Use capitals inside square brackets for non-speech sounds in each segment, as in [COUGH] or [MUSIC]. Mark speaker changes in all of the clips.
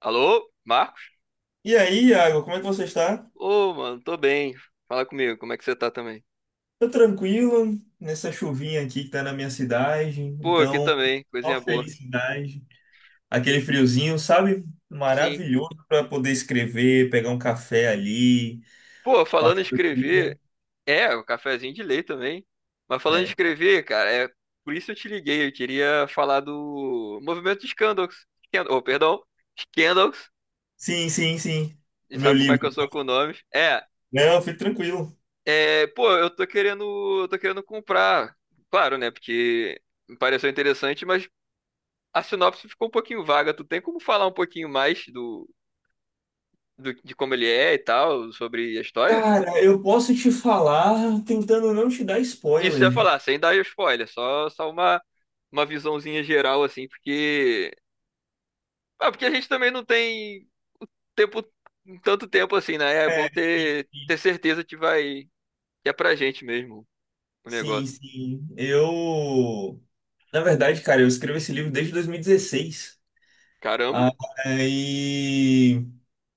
Speaker 1: Alô, Marcos?
Speaker 2: E aí, Iago, como é que você está?
Speaker 1: Ô, mano, tô bem. Fala comigo, como é que você tá também?
Speaker 2: Tô tranquilo nessa chuvinha aqui que tá na minha cidade,
Speaker 1: Pô, aqui
Speaker 2: então
Speaker 1: também, coisinha
Speaker 2: só
Speaker 1: boa.
Speaker 2: felicidade. Aquele friozinho, sabe?
Speaker 1: Sim.
Speaker 2: Maravilhoso para poder escrever, pegar um café ali,
Speaker 1: Pô, falando
Speaker 2: passar
Speaker 1: em
Speaker 2: o
Speaker 1: escrever,
Speaker 2: dia.
Speaker 1: é, o cafezinho de lei também. Mas falando em
Speaker 2: É.
Speaker 1: escrever, cara, é por isso eu te liguei. Eu queria falar do movimento de Scandals. Oh, perdão, Scandals.
Speaker 2: Sim, sim, sim.
Speaker 1: E
Speaker 2: O meu
Speaker 1: sabe como é que
Speaker 2: livro.
Speaker 1: eu sou com nomes?
Speaker 2: Não, fique tranquilo.
Speaker 1: Pô, eu tô querendo comprar. Claro, né? Porque me pareceu interessante, mas a sinopse ficou um pouquinho vaga. Tu tem como falar um pouquinho mais do de como ele é e tal, sobre a história?
Speaker 2: Cara, eu posso te falar tentando não te dar
Speaker 1: Isso eu ia
Speaker 2: spoiler.
Speaker 1: falar, sem dar spoiler, só uma visãozinha geral, assim, porque. Ah, porque a gente também não tem tempo, tanto tempo assim, né? É bom
Speaker 2: É,
Speaker 1: ter certeza que vai. Que é pra gente mesmo o
Speaker 2: sim,
Speaker 1: negócio.
Speaker 2: sim. Eu, na verdade, cara, eu escrevo esse livro desde 2016.
Speaker 1: Caramba!
Speaker 2: Aí,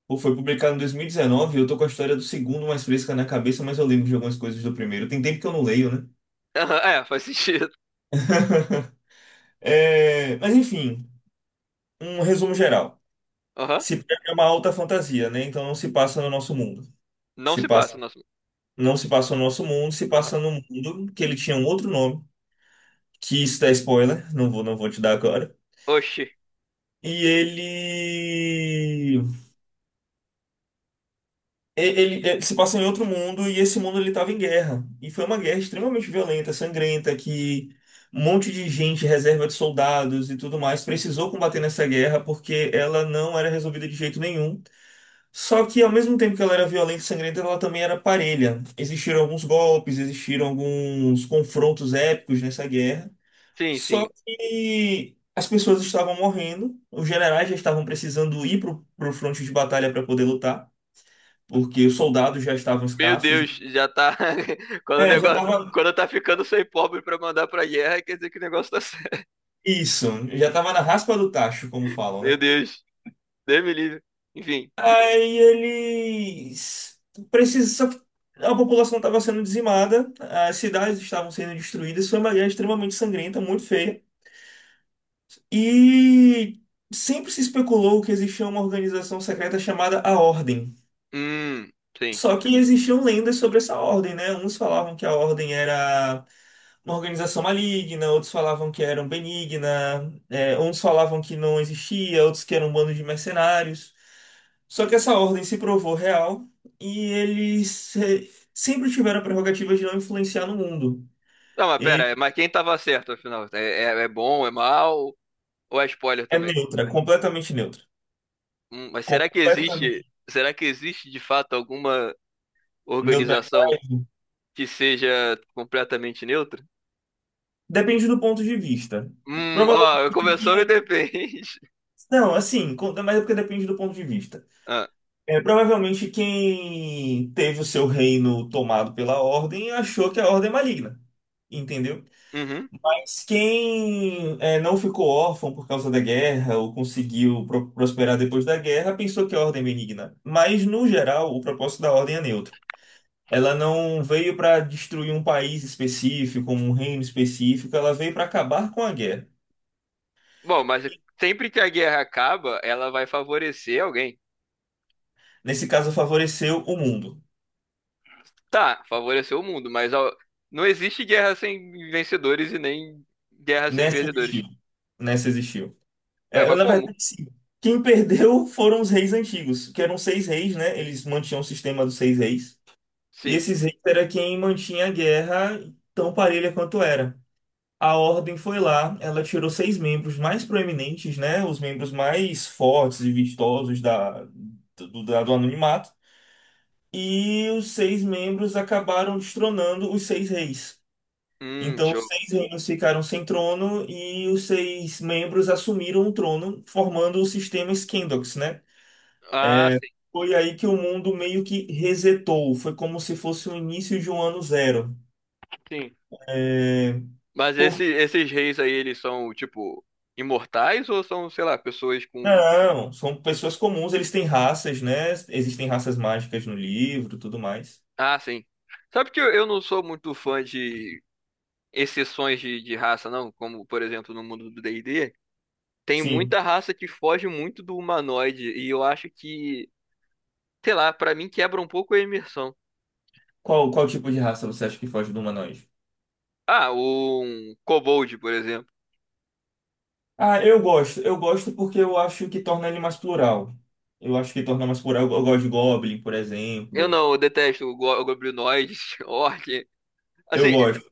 Speaker 2: pô, foi publicado em 2019. Eu tô com a história do segundo mais fresca na cabeça, mas eu lembro de algumas coisas do primeiro. Tem tempo que eu não leio, né?
Speaker 1: Aham, é, faz [LAUGHS] sentido.
Speaker 2: [LAUGHS] É, mas enfim, um resumo geral.
Speaker 1: Aham.
Speaker 2: Se pega é uma alta fantasia, né? Então não se passa no nosso mundo.
Speaker 1: Não
Speaker 2: Se
Speaker 1: se passa,
Speaker 2: passa,
Speaker 1: nosso.
Speaker 2: não se passa no nosso mundo, se
Speaker 1: Aham.
Speaker 2: passa no mundo que ele tinha um outro nome, que isso dá spoiler, não vou te dar agora.
Speaker 1: Oxi.
Speaker 2: E ele Ele se passa em outro mundo e esse mundo ele estava em guerra. E foi uma guerra extremamente violenta, sangrenta, que um monte de gente, reserva de soldados e tudo mais, precisou combater nessa guerra porque ela não era resolvida de jeito nenhum. Só que ao mesmo tempo que ela era violenta e sangrenta, ela também era parelha. Existiram alguns golpes, existiram alguns confrontos épicos nessa guerra.
Speaker 1: Sim,
Speaker 2: Só
Speaker 1: sim.
Speaker 2: que as pessoas estavam morrendo, os generais já estavam precisando ir para o fronte de batalha para poder lutar porque os soldados já estavam
Speaker 1: Meu
Speaker 2: escassos.
Speaker 1: Deus, já tá. [LAUGHS] Quando o
Speaker 2: É, já
Speaker 1: negócio.
Speaker 2: tava
Speaker 1: Quando tá ficando sem pobre pra mandar pra guerra, quer dizer que o negócio tá certo.
Speaker 2: isso. Já tava na raspa do tacho, como falam, né?
Speaker 1: Meu Deus. Deus me livre. Enfim.
Speaker 2: Aí eles precisam, a população estava sendo dizimada, as cidades estavam sendo destruídas, foi uma guerra extremamente sangrenta, muito feia. E sempre se especulou que existia uma organização secreta chamada a Ordem.
Speaker 1: Hum, sim.
Speaker 2: Só que existiam lendas sobre essa ordem, né? Uns falavam que a ordem era uma organização maligna, outros falavam que eram benigna, uns falavam que não existia, outros que eram um bando de mercenários. Só que essa ordem se provou real e eles sempre tiveram a prerrogativa de não influenciar no mundo.
Speaker 1: Não, mas pera,
Speaker 2: Ele
Speaker 1: mas quem tava certo, afinal? É bom, é mal? Ou é spoiler
Speaker 2: é
Speaker 1: também?
Speaker 2: neutra, completamente neutra.
Speaker 1: Mas será que existe.
Speaker 2: Completamente
Speaker 1: Será que existe de fato alguma
Speaker 2: neutra.
Speaker 1: organização que seja completamente neutra?
Speaker 2: Depende do ponto de vista.
Speaker 1: Ó, começou e
Speaker 2: Provavelmente.
Speaker 1: depende. [LAUGHS]
Speaker 2: Não, assim, mas é porque depende do ponto de vista.
Speaker 1: Ah,
Speaker 2: É, provavelmente quem teve o seu reino tomado pela Ordem achou que a Ordem é maligna, entendeu?
Speaker 1: uhum.
Speaker 2: Mas quem não ficou órfão por causa da guerra ou conseguiu prosperar depois da guerra pensou que a Ordem é benigna. Mas, no geral, o propósito da Ordem é neutro. Ela não veio para destruir um país específico, um reino específico, ela veio para acabar com a guerra.
Speaker 1: Bom, mas sempre que a guerra acaba, ela vai favorecer alguém.
Speaker 2: Nesse caso, favoreceu o mundo.
Speaker 1: Tá, favoreceu o mundo, mas ó, não existe guerra sem vencedores e nem guerra sem
Speaker 2: Nessa
Speaker 1: perdedores.
Speaker 2: existiu. Nessa existiu.
Speaker 1: Ué,
Speaker 2: É,
Speaker 1: mas
Speaker 2: na
Speaker 1: como?
Speaker 2: verdade, sim. Quem perdeu foram os reis antigos, que eram seis reis, né? Eles mantinham o sistema dos seis reis. E
Speaker 1: Sim.
Speaker 2: esses reis era quem mantinha a guerra tão parelha quanto era. A ordem foi lá, ela tirou seis membros mais proeminentes, né? Os membros mais fortes e vistosos do anonimato. E os seis membros acabaram destronando os seis reis. Então, os
Speaker 1: Show.
Speaker 2: seis reinos ficaram sem trono e os seis membros assumiram o trono, formando o sistema Scandox, né?
Speaker 1: Ah, sim.
Speaker 2: Foi aí que o mundo meio que resetou. Foi como se fosse o início de um ano zero.
Speaker 1: Sim.
Speaker 2: É...
Speaker 1: Mas
Speaker 2: Por...
Speaker 1: esses reis aí, eles são, tipo, imortais ou são, sei lá, pessoas com.
Speaker 2: Não, são pessoas comuns, eles têm raças, né? Existem raças mágicas no livro, tudo mais.
Speaker 1: Ah, sim. Sabe que eu não sou muito fã de exceções de raça, não? Como, por exemplo, no mundo do D&D, tem
Speaker 2: Sim.
Speaker 1: muita raça que foge muito do humanoide e eu acho que, sei lá, pra mim quebra um pouco a imersão.
Speaker 2: Qual tipo de raça você acha que foge do humanoide?
Speaker 1: Ah, um kobold, por exemplo.
Speaker 2: Ah, eu gosto. Eu gosto porque eu acho que torna ele mais plural. Eu acho que torna mais plural. Eu gosto de Goblin, por
Speaker 1: Eu
Speaker 2: exemplo.
Speaker 1: não, eu detesto goblinoides, [LAUGHS] orc.
Speaker 2: Eu
Speaker 1: Assim,
Speaker 2: gosto.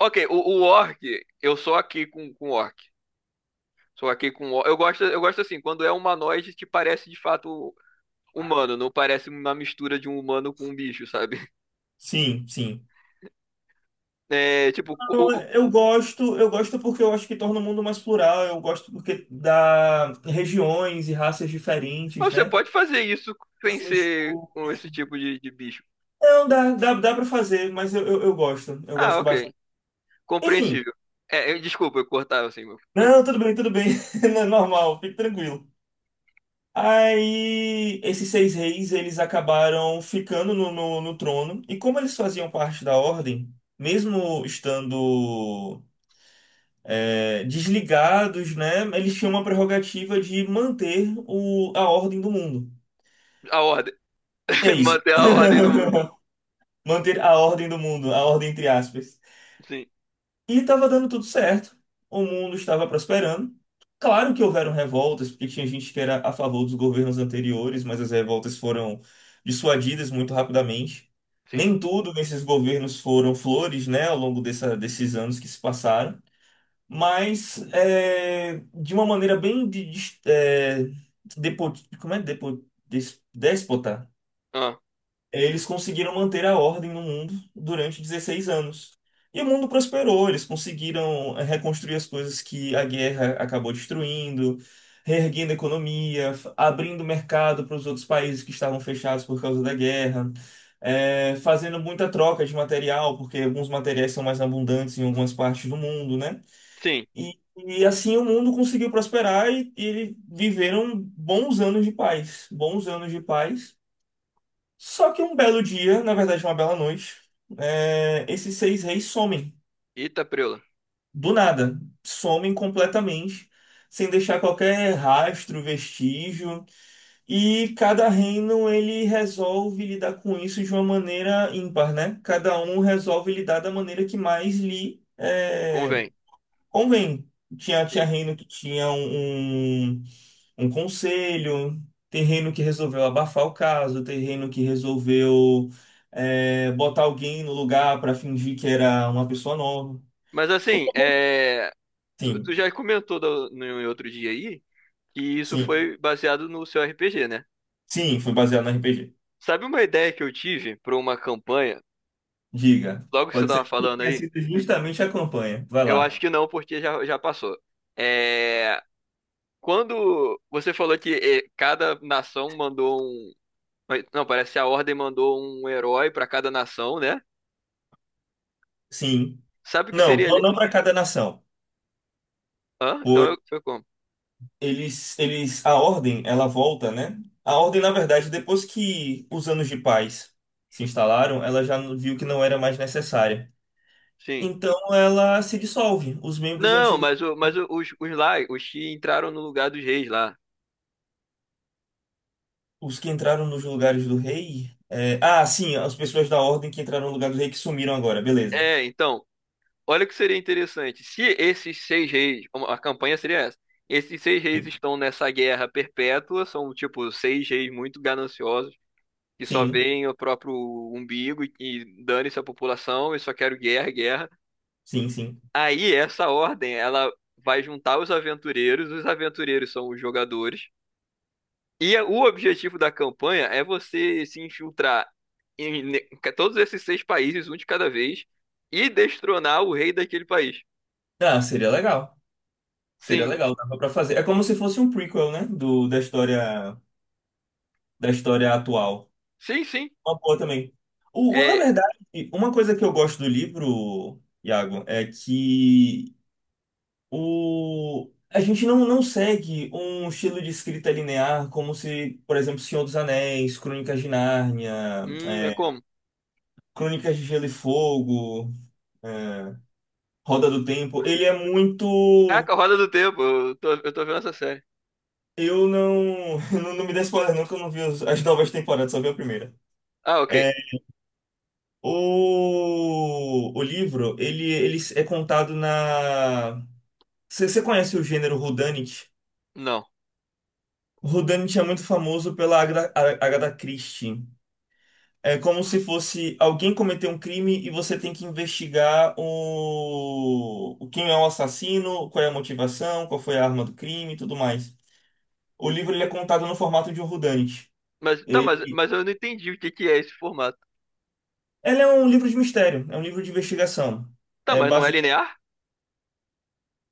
Speaker 1: ok, o orc, eu sou aqui com orc. Sou aqui com orc. Eu gosto assim, quando é um humanoide que parece de fato humano, não parece uma mistura de um humano com um bicho, sabe? [LAUGHS]
Speaker 2: Sim, sim.
Speaker 1: É, tipo,
Speaker 2: Eu gosto porque eu acho que torna o mundo mais plural, eu gosto porque dá regiões e raças diferentes,
Speaker 1: mas você
Speaker 2: né?
Speaker 1: pode fazer isso sem
Speaker 2: Você
Speaker 1: ser
Speaker 2: mistura.
Speaker 1: com esse tipo de bicho.
Speaker 2: Não, dá pra fazer, mas eu, eu, eu gosto, eu
Speaker 1: Ah,
Speaker 2: gosto bastante.
Speaker 1: ok.
Speaker 2: Enfim,
Speaker 1: Compreensível. É, desculpa, eu cortava assim, mas
Speaker 2: não, tudo bem, [LAUGHS] não é normal, fique tranquilo. Aí, esses seis reis, eles acabaram ficando no trono, e como eles faziam parte da ordem, mesmo estando desligados, né? Eles tinham uma prerrogativa de manter a ordem do mundo.
Speaker 1: a ordem.
Speaker 2: E é
Speaker 1: [LAUGHS]
Speaker 2: isso.
Speaker 1: Manter a ordem no mundo.
Speaker 2: [LAUGHS] Manter a ordem do mundo, a ordem entre aspas.
Speaker 1: Sim,
Speaker 2: E estava dando tudo certo. O mundo estava prosperando. Claro que houveram revoltas, porque tinha gente que era a favor dos governos anteriores, mas as revoltas foram dissuadidas muito rapidamente.
Speaker 1: sim.
Speaker 2: Nem tudo nesses governos foram flores, né, ao longo desses anos que se passaram. Mas de uma maneira bem, depo- como é? Déspota,
Speaker 1: Ah,
Speaker 2: eles conseguiram manter a ordem no mundo durante 16 anos. E o mundo prosperou, eles conseguiram reconstruir as coisas que a guerra acabou destruindo, reerguendo a economia, abrindo mercado para os outros países que estavam fechados por causa da guerra, fazendo muita troca de material, porque alguns materiais são mais abundantes em algumas partes do mundo, né?
Speaker 1: sim.
Speaker 2: E assim o mundo conseguiu prosperar e eles viveram bons anos de paz, bons anos de paz. Só que um belo dia, na verdade uma bela noite, esses seis reis somem,
Speaker 1: Eita, preula.
Speaker 2: do nada, somem completamente, sem deixar qualquer rastro, vestígio. E cada reino ele resolve lidar com isso de uma maneira ímpar, né? Cada um resolve lidar da maneira que mais lhe é.
Speaker 1: Convém.
Speaker 2: Convém. Tinha
Speaker 1: Sim.
Speaker 2: reino que tinha um conselho, tem reino que resolveu abafar o caso, tem reino que resolveu botar alguém no lugar para fingir que era uma pessoa nova.
Speaker 1: Mas assim, é. Tu
Speaker 2: Sim,
Speaker 1: já comentou da- no, em outro dia aí que isso
Speaker 2: sim,
Speaker 1: foi baseado no seu RPG, né?
Speaker 2: sim, foi baseado no RPG.
Speaker 1: Sabe uma ideia que eu tive para uma campanha,
Speaker 2: Diga.
Speaker 1: logo que você
Speaker 2: Pode
Speaker 1: tava
Speaker 2: ser que
Speaker 1: falando
Speaker 2: tenha
Speaker 1: aí?
Speaker 2: sido justamente a campanha. Vai
Speaker 1: Eu
Speaker 2: lá.
Speaker 1: acho que não, porque já passou. É, quando você falou que cada nação mandou um. Não, parece que a Ordem mandou um herói para cada nação, né?
Speaker 2: Sim.
Speaker 1: Sabe o que
Speaker 2: Não,
Speaker 1: seria.
Speaker 2: não, não para cada nação.
Speaker 1: Hã? Então foi como?
Speaker 2: A ordem, ela volta, né? A ordem, na verdade, depois que os anos de paz se instalaram, ela já viu que não era mais necessária.
Speaker 1: Sim.
Speaker 2: Então ela se dissolve. Os membros
Speaker 1: Não,
Speaker 2: antigos,
Speaker 1: mas, os lá, os que entraram no lugar dos reis lá.
Speaker 2: os que entraram nos lugares do rei. Ah, sim, as pessoas da ordem que entraram no lugar do rei que sumiram agora, beleza.
Speaker 1: É, então. Olha o que seria interessante. Se esses seis reis, a campanha seria essa. Esses seis reis estão nessa guerra perpétua, são tipo seis reis muito gananciosos que só
Speaker 2: Sim,
Speaker 1: veem o próprio umbigo e dane-se a população e só quero guerra, guerra.
Speaker 2: sim, sim.
Speaker 1: Aí essa ordem, ela vai juntar os aventureiros são os jogadores. E o objetivo da campanha é você se infiltrar em todos esses seis países, um de cada vez, e destronar o rei daquele país.
Speaker 2: Ah, seria legal. Seria
Speaker 1: Sim,
Speaker 2: legal, dava pra fazer. É como se fosse um prequel, né, da história atual.
Speaker 1: sim, sim.
Speaker 2: Uma boa também. Na
Speaker 1: É,
Speaker 2: verdade, uma coisa que eu gosto do livro, Iago, é que a gente não segue um estilo de escrita linear como se, por exemplo, Senhor dos Anéis, Crônicas de Nárnia,
Speaker 1: é como?
Speaker 2: Crônicas de Gelo e Fogo, é, Roda do Tempo. Ele é muito.
Speaker 1: Caraca, Roda do Tempo, eu tô vendo essa série.
Speaker 2: Eu não. [LAUGHS] Não, não me dê spoiler, não, que eu não vi as novas temporadas, só vi a primeira.
Speaker 1: Ah, ok.
Speaker 2: É, o livro, ele é contado na. Você conhece o gênero Whodunit?
Speaker 1: Não.
Speaker 2: O Whodunit é muito famoso pela Agatha Christie. É como se fosse alguém cometeu um crime e você tem que investigar o quem é o assassino, qual é a motivação, qual foi a arma do crime e tudo mais. O livro ele é contado no formato de um Whodunit.
Speaker 1: Mas, tá,
Speaker 2: Ele...
Speaker 1: mas, mas eu não entendi o que que é esse formato.
Speaker 2: ele é um livro de mistério, é um livro de investigação.
Speaker 1: Tá,
Speaker 2: É
Speaker 1: mas não é linear?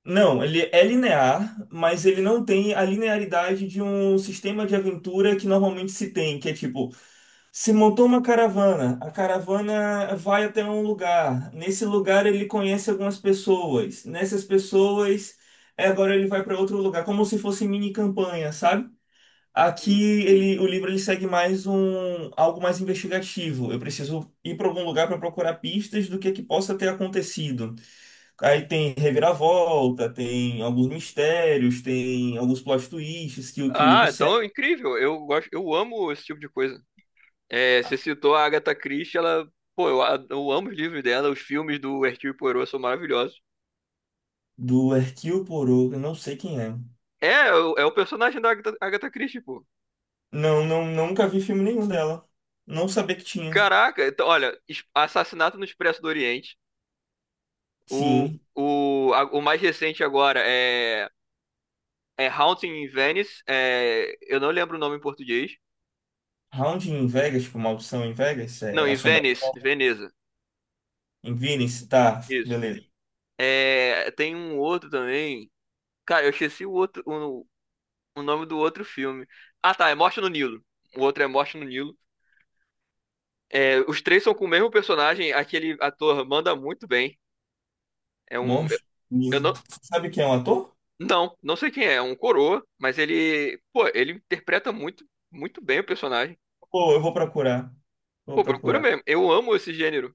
Speaker 2: Não, ele é linear, mas ele não tem a linearidade de um sistema de aventura que normalmente se tem, que é tipo, se montou uma caravana, a caravana vai até um lugar, nesse lugar ele conhece algumas pessoas, nessas pessoas, agora ele vai para outro lugar, como se fosse mini campanha, sabe?
Speaker 1: Hum.
Speaker 2: Aqui o livro ele segue mais um algo mais investigativo. Eu preciso ir para algum lugar para procurar pistas do que possa ter acontecido. Aí tem reviravolta, tem alguns mistérios, tem alguns plot twists que o livro
Speaker 1: Ah, então é
Speaker 2: segue.
Speaker 1: incrível. Eu gosto, eu amo esse tipo de coisa. É, você citou a Agatha Christie, ela, pô, eu amo os livros dela, os filmes do Hercule Poirot são maravilhosos.
Speaker 2: Do Hercule Poirot, eu não sei quem é.
Speaker 1: É, é o personagem da Agatha Christie, pô.
Speaker 2: Não, não, nunca vi filme nenhum dela. Não sabia que tinha.
Speaker 1: Caraca, então, olha, Assassinato no Expresso do Oriente. O,
Speaker 2: Sim.
Speaker 1: o mais recente agora é Haunting in Venice. É, eu não lembro o nome em português.
Speaker 2: Round em Vegas, tipo, Maldição em Vegas,
Speaker 1: Não,
Speaker 2: é
Speaker 1: em Venice,
Speaker 2: Assombração
Speaker 1: Veneza.
Speaker 2: em Venice, tá,
Speaker 1: Isso.
Speaker 2: beleza.
Speaker 1: É, tem um outro também. Cara, eu esqueci o outro, o nome do outro filme. Ah, tá, é Morte no Nilo. O outro é Morte no Nilo. É, os três são com o mesmo personagem. Aquele ator manda muito bem. É um,
Speaker 2: Monstro.
Speaker 1: eu não,
Speaker 2: Sabe quem é o ator?
Speaker 1: não, não sei quem é. É um coroa, mas pô, ele interpreta muito, muito bem o personagem.
Speaker 2: Pô, eu vou procurar.
Speaker 1: Pô,
Speaker 2: Vou
Speaker 1: procura
Speaker 2: procurar.
Speaker 1: mesmo. Eu amo esse gênero.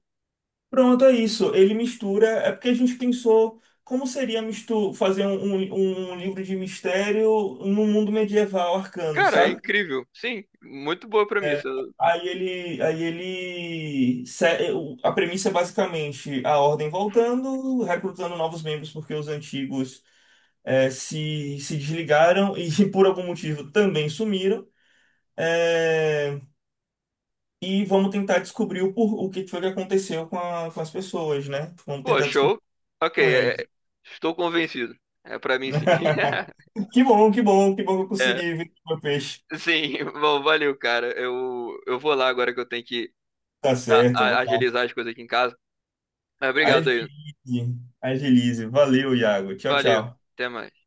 Speaker 2: Pronto, é isso. Ele mistura. É porque a gente pensou como seria mistu fazer um livro de mistério no mundo medieval arcano,
Speaker 1: Cara, é
Speaker 2: sabe?
Speaker 1: incrível. Sim, muito boa
Speaker 2: É,
Speaker 1: premissa.
Speaker 2: aí ele, se- é, o- a premissa é basicamente a ordem voltando, recrutando novos membros porque os antigos se desligaram e [LAUGHS] por algum motivo também sumiram. É, E vamos tentar descobrir o que foi que aconteceu com as pessoas, né? Vamos
Speaker 1: Pô,
Speaker 2: tentar descobrir
Speaker 1: show. Ok,
Speaker 2: com eles.
Speaker 1: estou convencido. É pra mim sim.
Speaker 2: [LAUGHS]
Speaker 1: [LAUGHS]
Speaker 2: Que bom, que bom, que bom que eu
Speaker 1: É,
Speaker 2: consegui ver o meu peixe.
Speaker 1: sim, bom, valeu, cara. Eu vou lá agora que eu tenho que
Speaker 2: Tá certo, vamos lá.
Speaker 1: agilizar as coisas aqui em casa. Mas obrigado aí.
Speaker 2: Agilize, agilize. Valeu, Iago. Tchau,
Speaker 1: Valeu,
Speaker 2: tchau.
Speaker 1: até mais.